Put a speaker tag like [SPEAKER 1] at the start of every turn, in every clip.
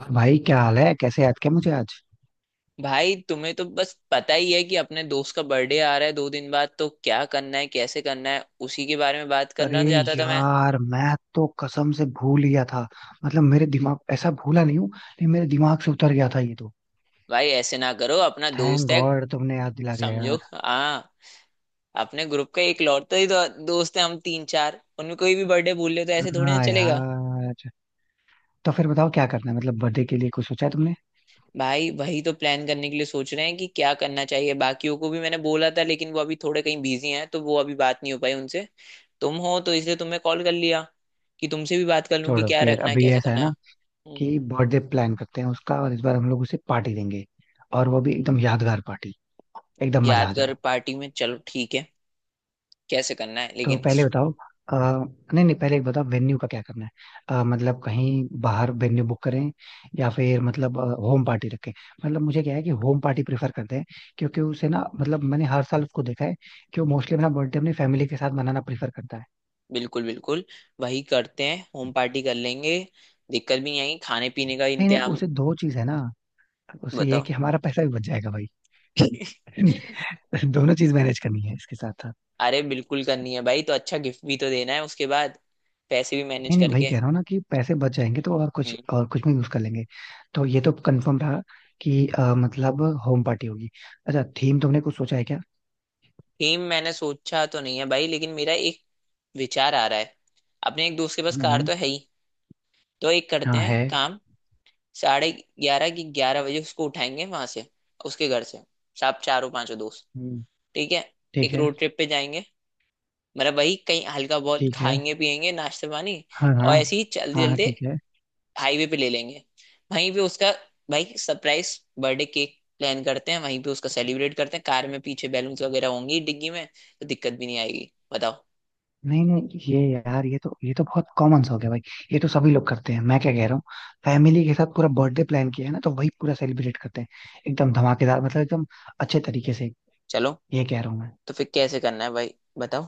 [SPEAKER 1] और भाई, क्या हाल है? कैसे याद किया मुझे आज?
[SPEAKER 2] भाई, तुम्हें तो बस पता ही है कि अपने दोस्त का बर्थडे आ रहा है 2 दिन बाद। तो क्या करना है, कैसे करना है, उसी के बारे में बात
[SPEAKER 1] अरे
[SPEAKER 2] करना चाहता था मैं।
[SPEAKER 1] यार, मैं तो कसम से भूल गया था। मतलब मेरे दिमाग ऐसा भूला नहीं हूँ, लेकिन मेरे दिमाग से उतर गया था ये तो।
[SPEAKER 2] भाई ऐसे ना करो, अपना
[SPEAKER 1] थैंक
[SPEAKER 2] दोस्त है।
[SPEAKER 1] गॉड तुमने याद दिला दिया
[SPEAKER 2] समझो।
[SPEAKER 1] यार।
[SPEAKER 2] हाँ, अपने ग्रुप का एक लौटता ही तो दोस्त है, हम तीन चार, उनमें कोई भी बर्थडे भूल ले तो ऐसे थोड़ी ना
[SPEAKER 1] हाँ
[SPEAKER 2] चलेगा।
[SPEAKER 1] यार। तो फिर बताओ क्या करना है, मतलब बर्थडे के लिए कुछ सोचा है तुमने?
[SPEAKER 2] भाई वही तो प्लान करने के लिए सोच रहे हैं कि क्या करना चाहिए। बाकियों को भी मैंने बोला था लेकिन वो अभी थोड़े कहीं बिजी हैं, तो वो अभी बात नहीं हो पाई उनसे। तुम हो तो इसलिए तुम्हें कॉल कर लिया, कि तुमसे भी बात कर लूं कि
[SPEAKER 1] छोड़ो,
[SPEAKER 2] क्या
[SPEAKER 1] फिर
[SPEAKER 2] रखना है,
[SPEAKER 1] अभी
[SPEAKER 2] कैसे
[SPEAKER 1] ऐसा है
[SPEAKER 2] करना है।
[SPEAKER 1] ना
[SPEAKER 2] हम्म।
[SPEAKER 1] कि बर्थडे प्लान करते हैं उसका, और इस बार हम लोग उसे पार्टी देंगे। और वो भी एकदम यादगार पार्टी। एकदम मजा आ जाए।
[SPEAKER 2] यादगार पार्टी, में चलो ठीक है। कैसे करना है
[SPEAKER 1] तो
[SPEAKER 2] लेकिन
[SPEAKER 1] पहले
[SPEAKER 2] इस,
[SPEAKER 1] बताओ। आ, नहीं नहीं, पहले एक बताओ वेन्यू का क्या करना है। मतलब कहीं बाहर वेन्यू बुक करें, या फिर मतलब होम पार्टी रखें। मतलब मुझे क्या है कि होम पार्टी प्रेफर करते हैं, क्योंकि उसे ना मतलब मैंने हर साल उसको देखा है कि वो मोस्टली अपना बर्थडे अपनी फैमिली के साथ मनाना प्रेफर करता है।
[SPEAKER 2] बिल्कुल बिल्कुल। वही करते हैं, होम पार्टी कर लेंगे, दिक्कत भी नहीं आएगी खाने पीने का
[SPEAKER 1] नहीं नहीं,
[SPEAKER 2] इंतजाम।
[SPEAKER 1] उसे दो चीज है ना। उसे ये है
[SPEAKER 2] बताओ।
[SPEAKER 1] कि हमारा पैसा भी बच जाएगा भाई। दोनों चीज मैनेज करनी है इसके साथ।
[SPEAKER 2] अरे बिल्कुल करनी है भाई, तो अच्छा गिफ्ट भी तो देना है उसके बाद, पैसे भी मैनेज
[SPEAKER 1] नहीं नहीं भाई,
[SPEAKER 2] करके।
[SPEAKER 1] कह रहा हूँ ना कि पैसे बच जाएंगे तो और कुछ में यूज कर लेंगे। तो ये तो कंफर्म रहा कि मतलब होम पार्टी होगी। अच्छा, थीम तुमने कुछ सोचा है क्या?
[SPEAKER 2] थीम मैंने सोचा तो नहीं है भाई, लेकिन मेरा एक विचार आ रहा है। अपने एक दोस्त के पास कार
[SPEAKER 1] हम्म।
[SPEAKER 2] तो है ही, तो एक करते
[SPEAKER 1] हाँ,
[SPEAKER 2] हैं
[SPEAKER 1] है।
[SPEAKER 2] काम। 11:30 की, 11 बजे उसको उठाएंगे वहां से, उसके घर से, सब चारों पांचों दोस्त।
[SPEAKER 1] हम्म।
[SPEAKER 2] ठीक है।
[SPEAKER 1] ठीक
[SPEAKER 2] एक
[SPEAKER 1] है,
[SPEAKER 2] रोड ट्रिप पे जाएंगे, मतलब वही कहीं हल्का बहुत
[SPEAKER 1] ठीक है।
[SPEAKER 2] खाएंगे पिएंगे, नाश्ता पानी।
[SPEAKER 1] हाँ, हाँ।
[SPEAKER 2] और ऐसे ही चलते
[SPEAKER 1] हाँ हाँ,
[SPEAKER 2] चलते
[SPEAKER 1] ठीक है।
[SPEAKER 2] हाईवे पे ले लेंगे। वहीं पे उसका, भाई सरप्राइज बर्थडे केक प्लान करते हैं, वहीं पे उसका सेलिब्रेट करते हैं, कार में पीछे बैलून्स वगैरह होंगी डिग्गी में, तो दिक्कत भी नहीं आएगी, बताओ।
[SPEAKER 1] नहीं नहीं ये यार, ये तो बहुत कॉमन सा हो गया भाई। ये तो सभी लोग करते हैं। मैं क्या कह रहा हूँ, फैमिली के साथ पूरा बर्थडे प्लान किया है ना तो वही पूरा सेलिब्रेट करते हैं। एकदम धमाकेदार, मतलब एकदम अच्छे तरीके से।
[SPEAKER 2] चलो,
[SPEAKER 1] ये कह रहा हूँ मैं।
[SPEAKER 2] तो फिर कैसे करना है भाई, बताओ।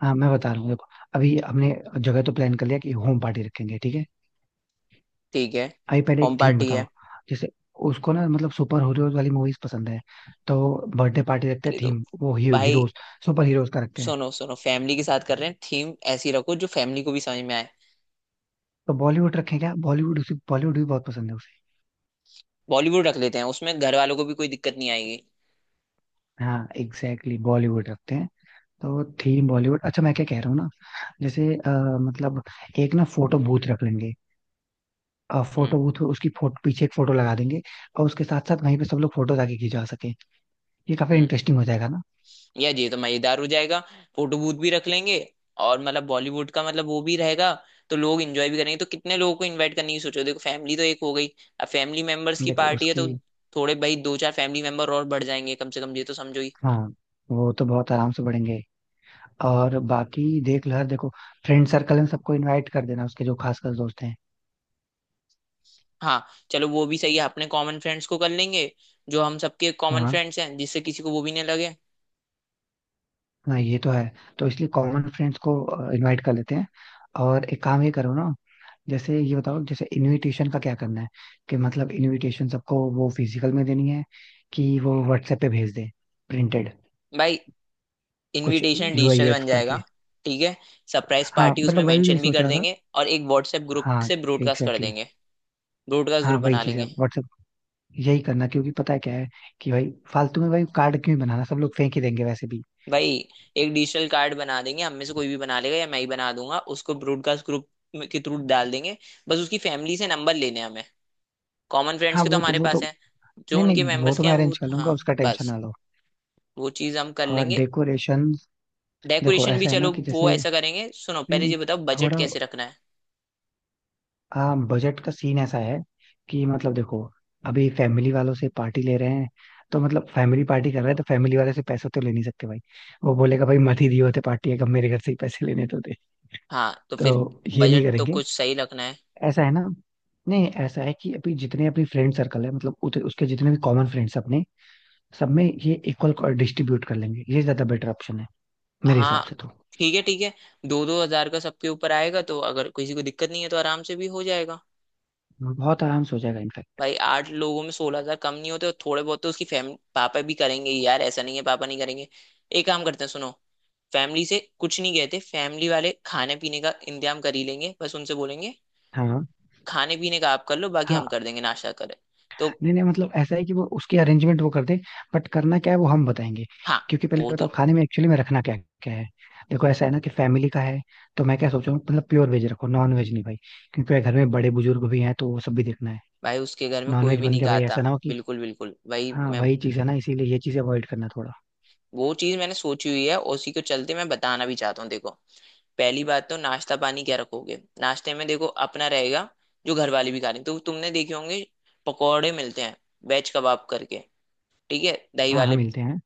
[SPEAKER 1] हाँ मैं बता रहा हूँ, देखो। अभी हमने जगह तो प्लान कर लिया कि होम पार्टी रखेंगे, ठीक है।
[SPEAKER 2] ठीक है।
[SPEAKER 1] अभी पहले एक
[SPEAKER 2] होम
[SPEAKER 1] थीम
[SPEAKER 2] पार्टी
[SPEAKER 1] बताओ।
[SPEAKER 2] है।
[SPEAKER 1] जैसे उसको ना मतलब सुपर हीरोज वाली मूवीज पसंद है। तो बर्थडे पार्टी रखते हैं,
[SPEAKER 2] अरे तो
[SPEAKER 1] थीम वो ही,
[SPEAKER 2] भाई
[SPEAKER 1] हीरोज। सुपर हीरोज का रखते हैं।
[SPEAKER 2] सुनो सुनो, फैमिली के साथ कर रहे हैं, थीम ऐसी रखो जो फैमिली को भी समझ में आए।
[SPEAKER 1] तो बॉलीवुड रखें क्या? बॉलीवुड उसे, बॉलीवुड भी बहुत पसंद है उसे।
[SPEAKER 2] बॉलीवुड रख लेते हैं, उसमें घर वालों को भी कोई दिक्कत नहीं आएगी।
[SPEAKER 1] हाँ एग्जैक्टली exactly, बॉलीवुड रखते हैं। तो थीम बॉलीवुड। अच्छा मैं क्या कह रहा हूँ ना, जैसे मतलब एक ना फोटो बूथ रख लेंगे।
[SPEAKER 2] हम्म।
[SPEAKER 1] फोटो बूथ, उसकी फोटो पीछे एक फोटो लगा देंगे, और उसके साथ साथ वहीं पे सब लोग फोटो आके खिंचवा सके। ये काफी
[SPEAKER 2] हम्म।
[SPEAKER 1] इंटरेस्टिंग हो जाएगा ना।
[SPEAKER 2] या ये तो मजेदार हो जाएगा, फोटो बूथ भी रख लेंगे, और मतलब बॉलीवुड का मतलब वो भी रहेगा, तो लोग एंजॉय भी करेंगे। तो कितने लोगों को इनवाइट करने की, सोचो देखो, फैमिली तो एक हो गई, अब फैमिली मेंबर्स की
[SPEAKER 1] देखो
[SPEAKER 2] पार्टी है
[SPEAKER 1] उसकी,
[SPEAKER 2] तो थोड़े भाई दो चार फैमिली मेंबर और बढ़ जाएंगे, कम से कम ये तो समझो ही।
[SPEAKER 1] हाँ, वो तो बहुत आराम से बढ़ेंगे। और बाकी देख लो यार, देखो फ्रेंड सर्कल में सबको इनवाइट कर देना उसके जो खास खास दोस्त हैं।
[SPEAKER 2] हाँ चलो वो भी सही है, अपने कॉमन फ्रेंड्स को कर लेंगे, जो हम सबके कॉमन
[SPEAKER 1] हाँ
[SPEAKER 2] फ्रेंड्स हैं, जिससे किसी को वो भी नहीं लगे।
[SPEAKER 1] हाँ ये तो है। तो इसलिए कॉमन फ्रेंड्स को इनवाइट कर लेते हैं। और एक काम ये करो ना, जैसे ये बताओ, जैसे इनविटेशन का क्या करना है, कि मतलब इनविटेशन सबको वो फिजिकल में देनी है, कि वो व्हाट्सएप पे भेज दे प्रिंटेड,
[SPEAKER 2] भाई
[SPEAKER 1] कुछ
[SPEAKER 2] इनविटेशन
[SPEAKER 1] UI
[SPEAKER 2] डिजिटल
[SPEAKER 1] UX
[SPEAKER 2] बन जाएगा।
[SPEAKER 1] करके।
[SPEAKER 2] ठीक है। सरप्राइज
[SPEAKER 1] हाँ
[SPEAKER 2] पार्टी उसमें
[SPEAKER 1] मतलब वही वही
[SPEAKER 2] मेंशन भी
[SPEAKER 1] सोच
[SPEAKER 2] कर
[SPEAKER 1] रहा था।
[SPEAKER 2] देंगे और एक व्हाट्सएप ग्रुप
[SPEAKER 1] हाँ
[SPEAKER 2] से
[SPEAKER 1] एग्जैक्टली
[SPEAKER 2] ब्रॉडकास्ट कर
[SPEAKER 1] exactly.
[SPEAKER 2] देंगे। ब्रॉडकास्ट
[SPEAKER 1] हाँ
[SPEAKER 2] ग्रुप
[SPEAKER 1] वही
[SPEAKER 2] बना
[SPEAKER 1] चीज है।
[SPEAKER 2] लेंगे।
[SPEAKER 1] यही करना, क्योंकि पता है क्या है कि भाई, फालतू में भाई कार्ड क्यों बनाना, सब लोग फेंक ही देंगे वैसे भी।
[SPEAKER 2] भाई एक डिजिटल कार्ड बना देंगे, हम में से कोई भी बना लेगा या मैं ही बना दूंगा, उसको ब्रॉडकास्ट ग्रुप के थ्रू डाल देंगे। बस उसकी फैमिली से नंबर लेने हैं हमें, कॉमन फ्रेंड्स
[SPEAKER 1] हाँ,
[SPEAKER 2] के तो
[SPEAKER 1] वो तो
[SPEAKER 2] हमारे
[SPEAKER 1] वो तो
[SPEAKER 2] पास हैं। जो
[SPEAKER 1] नहीं
[SPEAKER 2] उनके
[SPEAKER 1] नहीं, वो
[SPEAKER 2] मेंबर्स
[SPEAKER 1] तो
[SPEAKER 2] के हैं
[SPEAKER 1] मैं
[SPEAKER 2] वो,
[SPEAKER 1] अरेंज कर
[SPEAKER 2] हाँ
[SPEAKER 1] लूंगा, उसका टेंशन
[SPEAKER 2] बस।
[SPEAKER 1] ना लो।
[SPEAKER 2] वो चीज हम कर
[SPEAKER 1] और
[SPEAKER 2] लेंगे।
[SPEAKER 1] डेकोरेशन, देखो
[SPEAKER 2] डेकोरेशन भी
[SPEAKER 1] ऐसा है ना
[SPEAKER 2] चलो
[SPEAKER 1] कि
[SPEAKER 2] वो
[SPEAKER 1] जैसे,
[SPEAKER 2] ऐसा करेंगे। सुनो, पहले
[SPEAKER 1] नहीं,
[SPEAKER 2] ये बताओ बजट
[SPEAKER 1] थोड़ा,
[SPEAKER 2] कैसे रखना है।
[SPEAKER 1] हाँ, बजट का सीन ऐसा है कि मतलब देखो, अभी फैमिली वालों से पार्टी ले रहे हैं, तो मतलब फैमिली पार्टी कर रहे हैं तो फैमिली वाले से पैसे तो ले नहीं सकते भाई। वो बोलेगा भाई, मत ही दिए होते पार्टी, है कब मेरे घर से ही पैसे लेने तो थे।
[SPEAKER 2] हाँ तो फिर
[SPEAKER 1] तो ये नहीं
[SPEAKER 2] बजट तो
[SPEAKER 1] करेंगे।
[SPEAKER 2] कुछ सही रखना है।
[SPEAKER 1] ऐसा है ना, नहीं ऐसा है कि अभी जितने अपनी फ्रेंड सर्कल है, मतलब उसके जितने भी कॉमन फ्रेंड्स हैं अपने, सब में ये इक्वल डिस्ट्रीब्यूट कर लेंगे, ये ज्यादा बेटर ऑप्शन है मेरे हिसाब
[SPEAKER 2] हाँ
[SPEAKER 1] से तो।
[SPEAKER 2] ठीक है ठीक है, 2-2 हज़ार का सबके ऊपर आएगा, तो अगर किसी को दिक्कत नहीं है तो आराम से भी हो जाएगा।
[SPEAKER 1] बहुत आराम से हो जाएगा इनफैक्ट।
[SPEAKER 2] भाई आठ लोगों में 16 हज़ार कम नहीं होते, और थोड़े बहुत तो उसकी फैमिली, पापा भी करेंगे ही यार, ऐसा नहीं है पापा नहीं करेंगे। एक काम करते हैं सुनो, फैमिली से कुछ नहीं कहते, फैमिली वाले खाने पीने का इंतजाम कर ही लेंगे, बस उनसे बोलेंगे,
[SPEAKER 1] हाँ,
[SPEAKER 2] खाने पीने का आप कर लो, बाकी हम
[SPEAKER 1] हाँ।
[SPEAKER 2] कर देंगे नाश्ता करें। तो,
[SPEAKER 1] नहीं नहीं, मतलब ऐसा है कि वो उसकी अरेंजमेंट वो कर दे, बट करना क्या है वो हम बताएंगे।
[SPEAKER 2] हाँ,
[SPEAKER 1] क्योंकि पहले
[SPEAKER 2] वो तो,
[SPEAKER 1] बताओ खाने में एक्चुअली में रखना क्या, क्या है। देखो ऐसा है ना कि फैमिली का है, तो मैं क्या सोच रहा हूँ, मतलब प्योर वेज रखो, नॉन वेज नहीं भाई, क्योंकि घर में बड़े बुजुर्ग भी हैं, तो वो सब भी देखना है।
[SPEAKER 2] भाई उसके घर में
[SPEAKER 1] नॉन
[SPEAKER 2] कोई
[SPEAKER 1] वेज
[SPEAKER 2] भी
[SPEAKER 1] बन
[SPEAKER 2] नहीं
[SPEAKER 1] गया भाई,
[SPEAKER 2] खाता।
[SPEAKER 1] ऐसा ना हो कि।
[SPEAKER 2] बिल्कुल बिल्कुल, वही
[SPEAKER 1] हाँ
[SPEAKER 2] मैं,
[SPEAKER 1] वही चीज़ है ना, इसीलिए ये चीज़ अवॉइड करना थोड़ा।
[SPEAKER 2] वो चीज मैंने सोची हुई है, उसी को चलते मैं बताना भी चाहता हूँ। देखो पहली बात, तो नाश्ता पानी क्या रखोगे। नाश्ते में देखो अपना रहेगा, जो घर वाले भी खा रहे हैं, तो तुमने देखे होंगे पकौड़े मिलते हैं, वेज कबाब करके, ठीक है। दही
[SPEAKER 1] हाँ हाँ
[SPEAKER 2] वाले
[SPEAKER 1] मिलते हैं।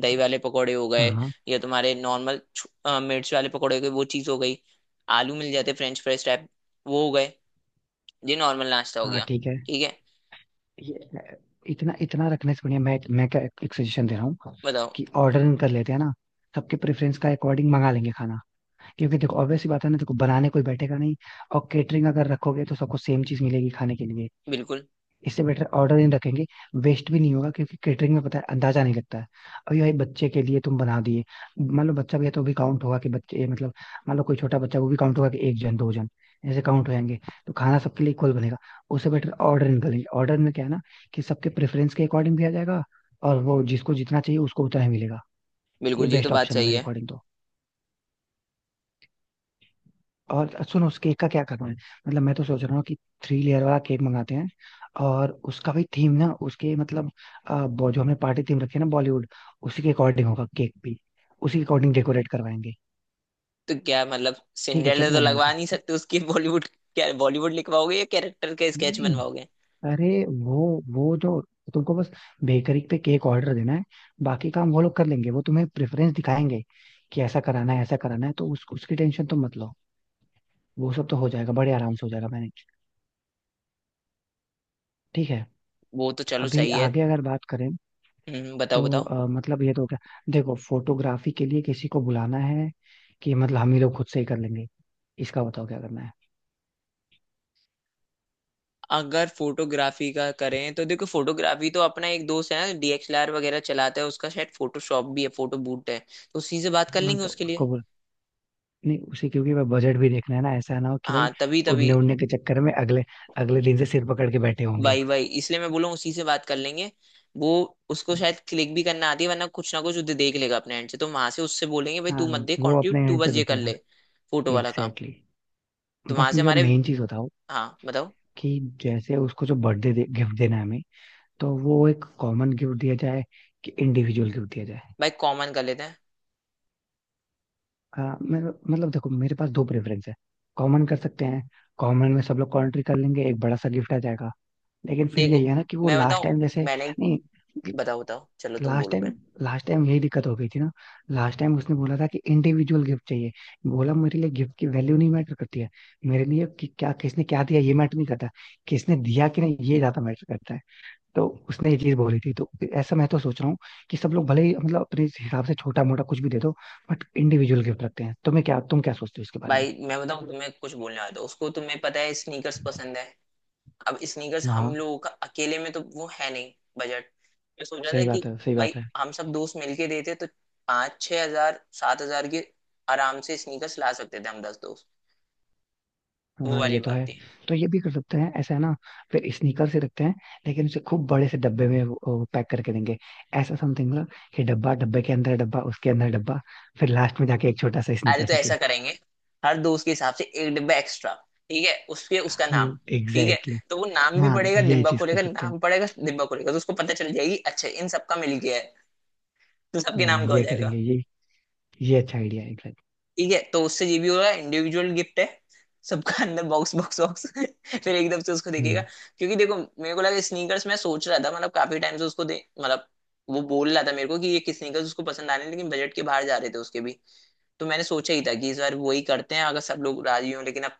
[SPEAKER 2] दही वाले पकौड़े हो
[SPEAKER 1] हाँ
[SPEAKER 2] गए,
[SPEAKER 1] हाँ।
[SPEAKER 2] या तुम्हारे नॉर्मल मिर्च वाले पकौड़े हो गए, वो चीज़ हो गई। आलू मिल जाते फ्रेंच फ्राइज टाइप, वो हो गए। ये नॉर्मल नाश्ता हो
[SPEAKER 1] हाँ।
[SPEAKER 2] गया।
[SPEAKER 1] ठीक है।
[SPEAKER 2] ठीक है।
[SPEAKER 1] ये इतना इतना रखने से बढ़िया, मैं क्या एक सजेशन दे रहा हूँ
[SPEAKER 2] बताओ।
[SPEAKER 1] कि ऑर्डर कर लेते हैं ना, सबके प्रेफरेंस का अकॉर्डिंग मंगा लेंगे खाना। क्योंकि देखो, ऑब्वियस सी बात है ना, देखो बनाने कोई बैठेगा नहीं, और केटरिंग अगर रखोगे तो सबको सेम चीज़ मिलेगी खाने के लिए।
[SPEAKER 2] बिल्कुल
[SPEAKER 1] इससे बेटर ऑर्डर इन रखेंगे, वेस्ट भी नहीं होगा, क्योंकि केटरिंग में पता है अंदाजा नहीं लगता है। अभी भाई, बच्चे के लिए तुम बना दिए, मान लो बच्चा भी है, तो भी काउंट होगा कि बच्चे मतलब, मान लो कोई छोटा बच्चा वो भी काउंट होगा कि एक जन दो जन, ऐसे काउंट हो जाएंगे। तो खाना सबके लिए इक्वल बनेगा। उससे बेटर ऑर्डर निकलेंगे। ऑर्डर में क्या है ना, कि सबके प्रेफरेंस के अकॉर्डिंग भी आ जाएगा, और वो जिसको जितना चाहिए उसको उतना ही मिलेगा। ये
[SPEAKER 2] बिल्कुल, ये तो
[SPEAKER 1] बेस्ट
[SPEAKER 2] बात
[SPEAKER 1] ऑप्शन है
[SPEAKER 2] सही
[SPEAKER 1] मेरे
[SPEAKER 2] है।
[SPEAKER 1] अकॉर्डिंग तो। और सुनो, उस केक का क्या करना है? मतलब मैं तो सोच रहा हूँ कि थ्री लेयर वाला केक मंगाते हैं, और उसका भी थीम ना उसके मतलब, जो हमने पार्टी थीम रखी है ना, बॉलीवुड, उसी के अकॉर्डिंग होगा केक भी, उसी के अकॉर्डिंग डेकोरेट करवाएंगे।
[SPEAKER 2] तो क्या मतलब
[SPEAKER 1] ठीक है, चल
[SPEAKER 2] सिंड्रेला तो
[SPEAKER 1] जाना ये
[SPEAKER 2] लगवा
[SPEAKER 1] तो।
[SPEAKER 2] नहीं सकते उसकी, बॉलीवुड, क्या बॉलीवुड लिखवाओगे या कैरेक्टर के
[SPEAKER 1] नहीं
[SPEAKER 2] स्केच
[SPEAKER 1] नहीं,
[SPEAKER 2] बनवाओगे।
[SPEAKER 1] अरे वो वो जो, तुमको बस बेकरी पे केक ऑर्डर देना है, बाकी काम वो लोग कर लेंगे, वो तुम्हें प्रेफरेंस दिखाएंगे कि ऐसा कराना है ऐसा कराना है, तो उसकी टेंशन तुम मत लो। वो सब तो हो जाएगा, बड़े आराम से हो जाएगा मैनेज। ठीक है।
[SPEAKER 2] वो तो चलो
[SPEAKER 1] अभी
[SPEAKER 2] सही है।
[SPEAKER 1] आगे अगर बात करें
[SPEAKER 2] हम्म, बताओ
[SPEAKER 1] तो
[SPEAKER 2] बताओ।
[SPEAKER 1] मतलब ये तो क्या, देखो, फोटोग्राफी के लिए किसी को बुलाना है, कि मतलब हम ही लोग खुद से ही कर लेंगे, इसका बताओ क्या करना है।
[SPEAKER 2] अगर फोटोग्राफी का करें तो देखो, फोटोग्राफी तो अपना एक दोस्त है, डीएसएलआर वगैरह चलाता है, उसका शायद फोटोशॉप भी है, फोटो बूट है, तो उसी से बात कर
[SPEAKER 1] हाँ
[SPEAKER 2] लेंगे
[SPEAKER 1] तो
[SPEAKER 2] उसके लिए।
[SPEAKER 1] उसको बोल, नहीं उसे, क्योंकि भाई बजट भी देखना है ना, ऐसा ना हो कि भाई
[SPEAKER 2] हाँ तभी तभी,
[SPEAKER 1] उड़ने उड़ने के चक्कर में अगले, अगले दिन से सिर पकड़ के बैठे हो हम
[SPEAKER 2] भाई
[SPEAKER 1] लोग।
[SPEAKER 2] भाई, इसलिए मैं बोलूँ उसी से बात कर लेंगे। वो, उसको शायद क्लिक भी करना आती है, वरना कुछ ना कुछ वो देख लेगा अपने एंड से, तो वहां से उससे बोलेंगे, भाई तू मत
[SPEAKER 1] हाँ,
[SPEAKER 2] दे
[SPEAKER 1] वो
[SPEAKER 2] कॉन्ट्रीब्यूट,
[SPEAKER 1] अपने
[SPEAKER 2] तू
[SPEAKER 1] एंड
[SPEAKER 2] बस
[SPEAKER 1] से
[SPEAKER 2] ये
[SPEAKER 1] देख
[SPEAKER 2] कर
[SPEAKER 1] लेगा।
[SPEAKER 2] ले, फोटो वाला काम।
[SPEAKER 1] Exactly exactly.
[SPEAKER 2] तो वहां
[SPEAKER 1] बस
[SPEAKER 2] से
[SPEAKER 1] मुझे अब
[SPEAKER 2] हमारे,
[SPEAKER 1] मेन चीज बताओ,
[SPEAKER 2] हाँ बताओ।
[SPEAKER 1] कि जैसे उसको जो बर्थडे गिफ्ट देना है हमें, तो वो एक कॉमन गिफ्ट दिया जाए कि इंडिविजुअल गिफ्ट दिया जाए?
[SPEAKER 2] भाई कॉमन कर लेते हैं।
[SPEAKER 1] हाँ मैं, मतलब देखो मेरे पास दो प्रेफरेंस है, कॉमन कर सकते हैं, कॉमन में सब लोग कंट्री कर लेंगे, एक बड़ा सा गिफ्ट आ जाएगा। लेकिन फिर
[SPEAKER 2] देखो
[SPEAKER 1] यही है ना कि वो
[SPEAKER 2] मैं
[SPEAKER 1] लास्ट
[SPEAKER 2] बताऊँ,
[SPEAKER 1] टाइम जैसे,
[SPEAKER 2] मैंने,
[SPEAKER 1] नहीं,
[SPEAKER 2] बताओ बताओ, चलो तुम
[SPEAKER 1] लास्ट
[SPEAKER 2] बोलो
[SPEAKER 1] टाइम,
[SPEAKER 2] पहले।
[SPEAKER 1] लास्ट टाइम यही दिक्कत हो गई थी ना, लास्ट टाइम उसने बोला था कि इंडिविजुअल गिफ्ट चाहिए। बोला मेरे लिए गिफ्ट की वैल्यू नहीं मैटर करती है, मेरे लिए कि क्या किसने क्या दिया ये मैटर नहीं करता, किसने दिया कि नहीं ये ज्यादा मैटर करता है। तो उसने ये चीज बोली थी, तो ऐसा मैं तो सोच रहा हूँ कि सब लोग भले ही मतलब अपने हिसाब से छोटा मोटा कुछ भी दे दो, बट इंडिविजुअल गिफ्ट रखते हैं। तुम्हें क्या, तुम क्या सोचते हो इसके बारे में?
[SPEAKER 2] भाई मैं बताऊं तुम्हें, कुछ बोलने आया था उसको, तुम्हें पता है स्नीकर्स पसंद है। अब स्नीकर्स हम
[SPEAKER 1] हाँ
[SPEAKER 2] लोगों का अकेले में तो वो है नहीं बजट। मैं सोच रहा था
[SPEAKER 1] सही
[SPEAKER 2] कि
[SPEAKER 1] बात है, सही
[SPEAKER 2] भाई
[SPEAKER 1] बात है।
[SPEAKER 2] हम सब दोस्त मिलके देते तो 5-6 हज़ार 7 हज़ार के आराम से स्नीकर्स ला सकते थे हम 10 दोस्त। वो
[SPEAKER 1] हाँ
[SPEAKER 2] वाली
[SPEAKER 1] ये तो
[SPEAKER 2] बात
[SPEAKER 1] है।
[SPEAKER 2] थी।
[SPEAKER 1] तो ये भी कर सकते हैं, ऐसा है ना, फिर स्नीकर से रखते हैं, लेकिन उसे खूब बड़े से डब्बे में पैक करके देंगे। ऐसा समथिंग ना कि डब्बा, डब्बे के अंदर डब्बा, उसके अंदर डब्बा, फिर लास्ट में जाके एक छोटा सा
[SPEAKER 2] अरे
[SPEAKER 1] स्नीकर
[SPEAKER 2] तो
[SPEAKER 1] निकले।
[SPEAKER 2] ऐसा करेंगे, हर दोस्त के हिसाब से एक डिब्बा एक्स्ट्रा, ठीक है, उसके उसका नाम। ठीक है,
[SPEAKER 1] एग्जैक्टली।
[SPEAKER 2] तो वो नाम भी
[SPEAKER 1] हाँ
[SPEAKER 2] पड़ेगा,
[SPEAKER 1] यही
[SPEAKER 2] डिब्बा
[SPEAKER 1] चीज कर
[SPEAKER 2] खोलेगा
[SPEAKER 1] सकते हैं।
[SPEAKER 2] नाम पड़ेगा, डिब्बा खोलेगा तो उसको पता चल जाएगी, अच्छा इन सबका मिल गया है। तो सबके
[SPEAKER 1] हाँ
[SPEAKER 2] नाम का हो
[SPEAKER 1] ये
[SPEAKER 2] जाएगा।
[SPEAKER 1] करेंगे ये अच्छा आइडिया है।
[SPEAKER 2] ठीक है, तो उससे ये भी हो रहा है, इंडिविजुअल गिफ्ट है, सबका, अंदर बॉक्स बॉक्स बॉक्स फिर एकदम से उसको देखेगा।
[SPEAKER 1] एग्जैक्ट।
[SPEAKER 2] क्योंकि देखो मेरे को लगा स्नीकर्स, मैं सोच रहा था मतलब काफी टाइम से उसको दे, मतलब वो बोल रहा था मेरे को कि ये किस स्नीकर्स उसको पसंद आ रहे हैं, लेकिन बजट के बाहर जा रहे थे उसके भी। तो मैंने सोचा ही था कि इस बार वही करते हैं, अगर सब लोग राजी हो, लेकिन अब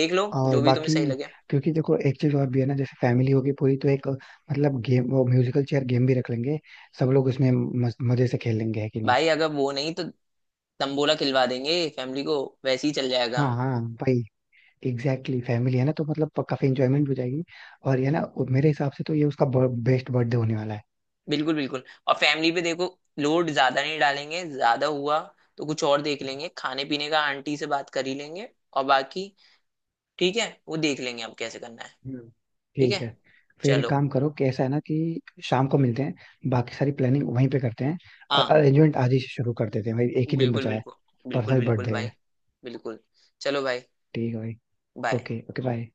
[SPEAKER 2] देख लो,
[SPEAKER 1] और
[SPEAKER 2] जो भी तुम्हें
[SPEAKER 1] बाकी,
[SPEAKER 2] सही लगे।
[SPEAKER 1] क्योंकि देखो एक चीज और भी है ना, जैसे फैमिली होगी पूरी, तो एक मतलब गेम, वो म्यूजिकल चेयर गेम भी रख लेंगे, सब लोग उसमें मजे से खेल लेंगे, है कि नहीं?
[SPEAKER 2] भाई अगर वो नहीं, तो तंबोला खिलवा देंगे फैमिली को, वैसे ही चल जाएगा।
[SPEAKER 1] हाँ हाँ भाई, एग्जैक्टली। फैमिली है ना, तो मतलब काफी इंजॉयमेंट हो जाएगी। और ये ना मेरे हिसाब से तो ये उसका बेस्ट बर्थडे होने वाला है।
[SPEAKER 2] बिल्कुल बिल्कुल, और फैमिली पे देखो लोड ज्यादा नहीं डालेंगे, ज्यादा हुआ तो कुछ और देख लेंगे खाने पीने का, आंटी से बात कर ही लेंगे, और बाकी ठीक है वो देख लेंगे अब कैसे करना है।
[SPEAKER 1] हम्म।
[SPEAKER 2] ठीक
[SPEAKER 1] ठीक
[SPEAKER 2] है।
[SPEAKER 1] है। फिर एक
[SPEAKER 2] चलो।
[SPEAKER 1] काम करो कि ऐसा है ना कि शाम को मिलते हैं, बाकी सारी प्लानिंग वहीं पे करते हैं, और
[SPEAKER 2] हाँ।
[SPEAKER 1] अरेंजमेंट आज ही से शुरू कर देते हैं भाई, एक ही दिन
[SPEAKER 2] बिल्कुल
[SPEAKER 1] बचा है।
[SPEAKER 2] बिल्कुल।
[SPEAKER 1] परसों
[SPEAKER 2] बिल्कुल
[SPEAKER 1] ही
[SPEAKER 2] बिल्कुल
[SPEAKER 1] बर्थडे
[SPEAKER 2] भाई।
[SPEAKER 1] है।
[SPEAKER 2] बिल्कुल। चलो भाई,
[SPEAKER 1] ठीक है भाई।
[SPEAKER 2] बाय।
[SPEAKER 1] Okay okay, bye.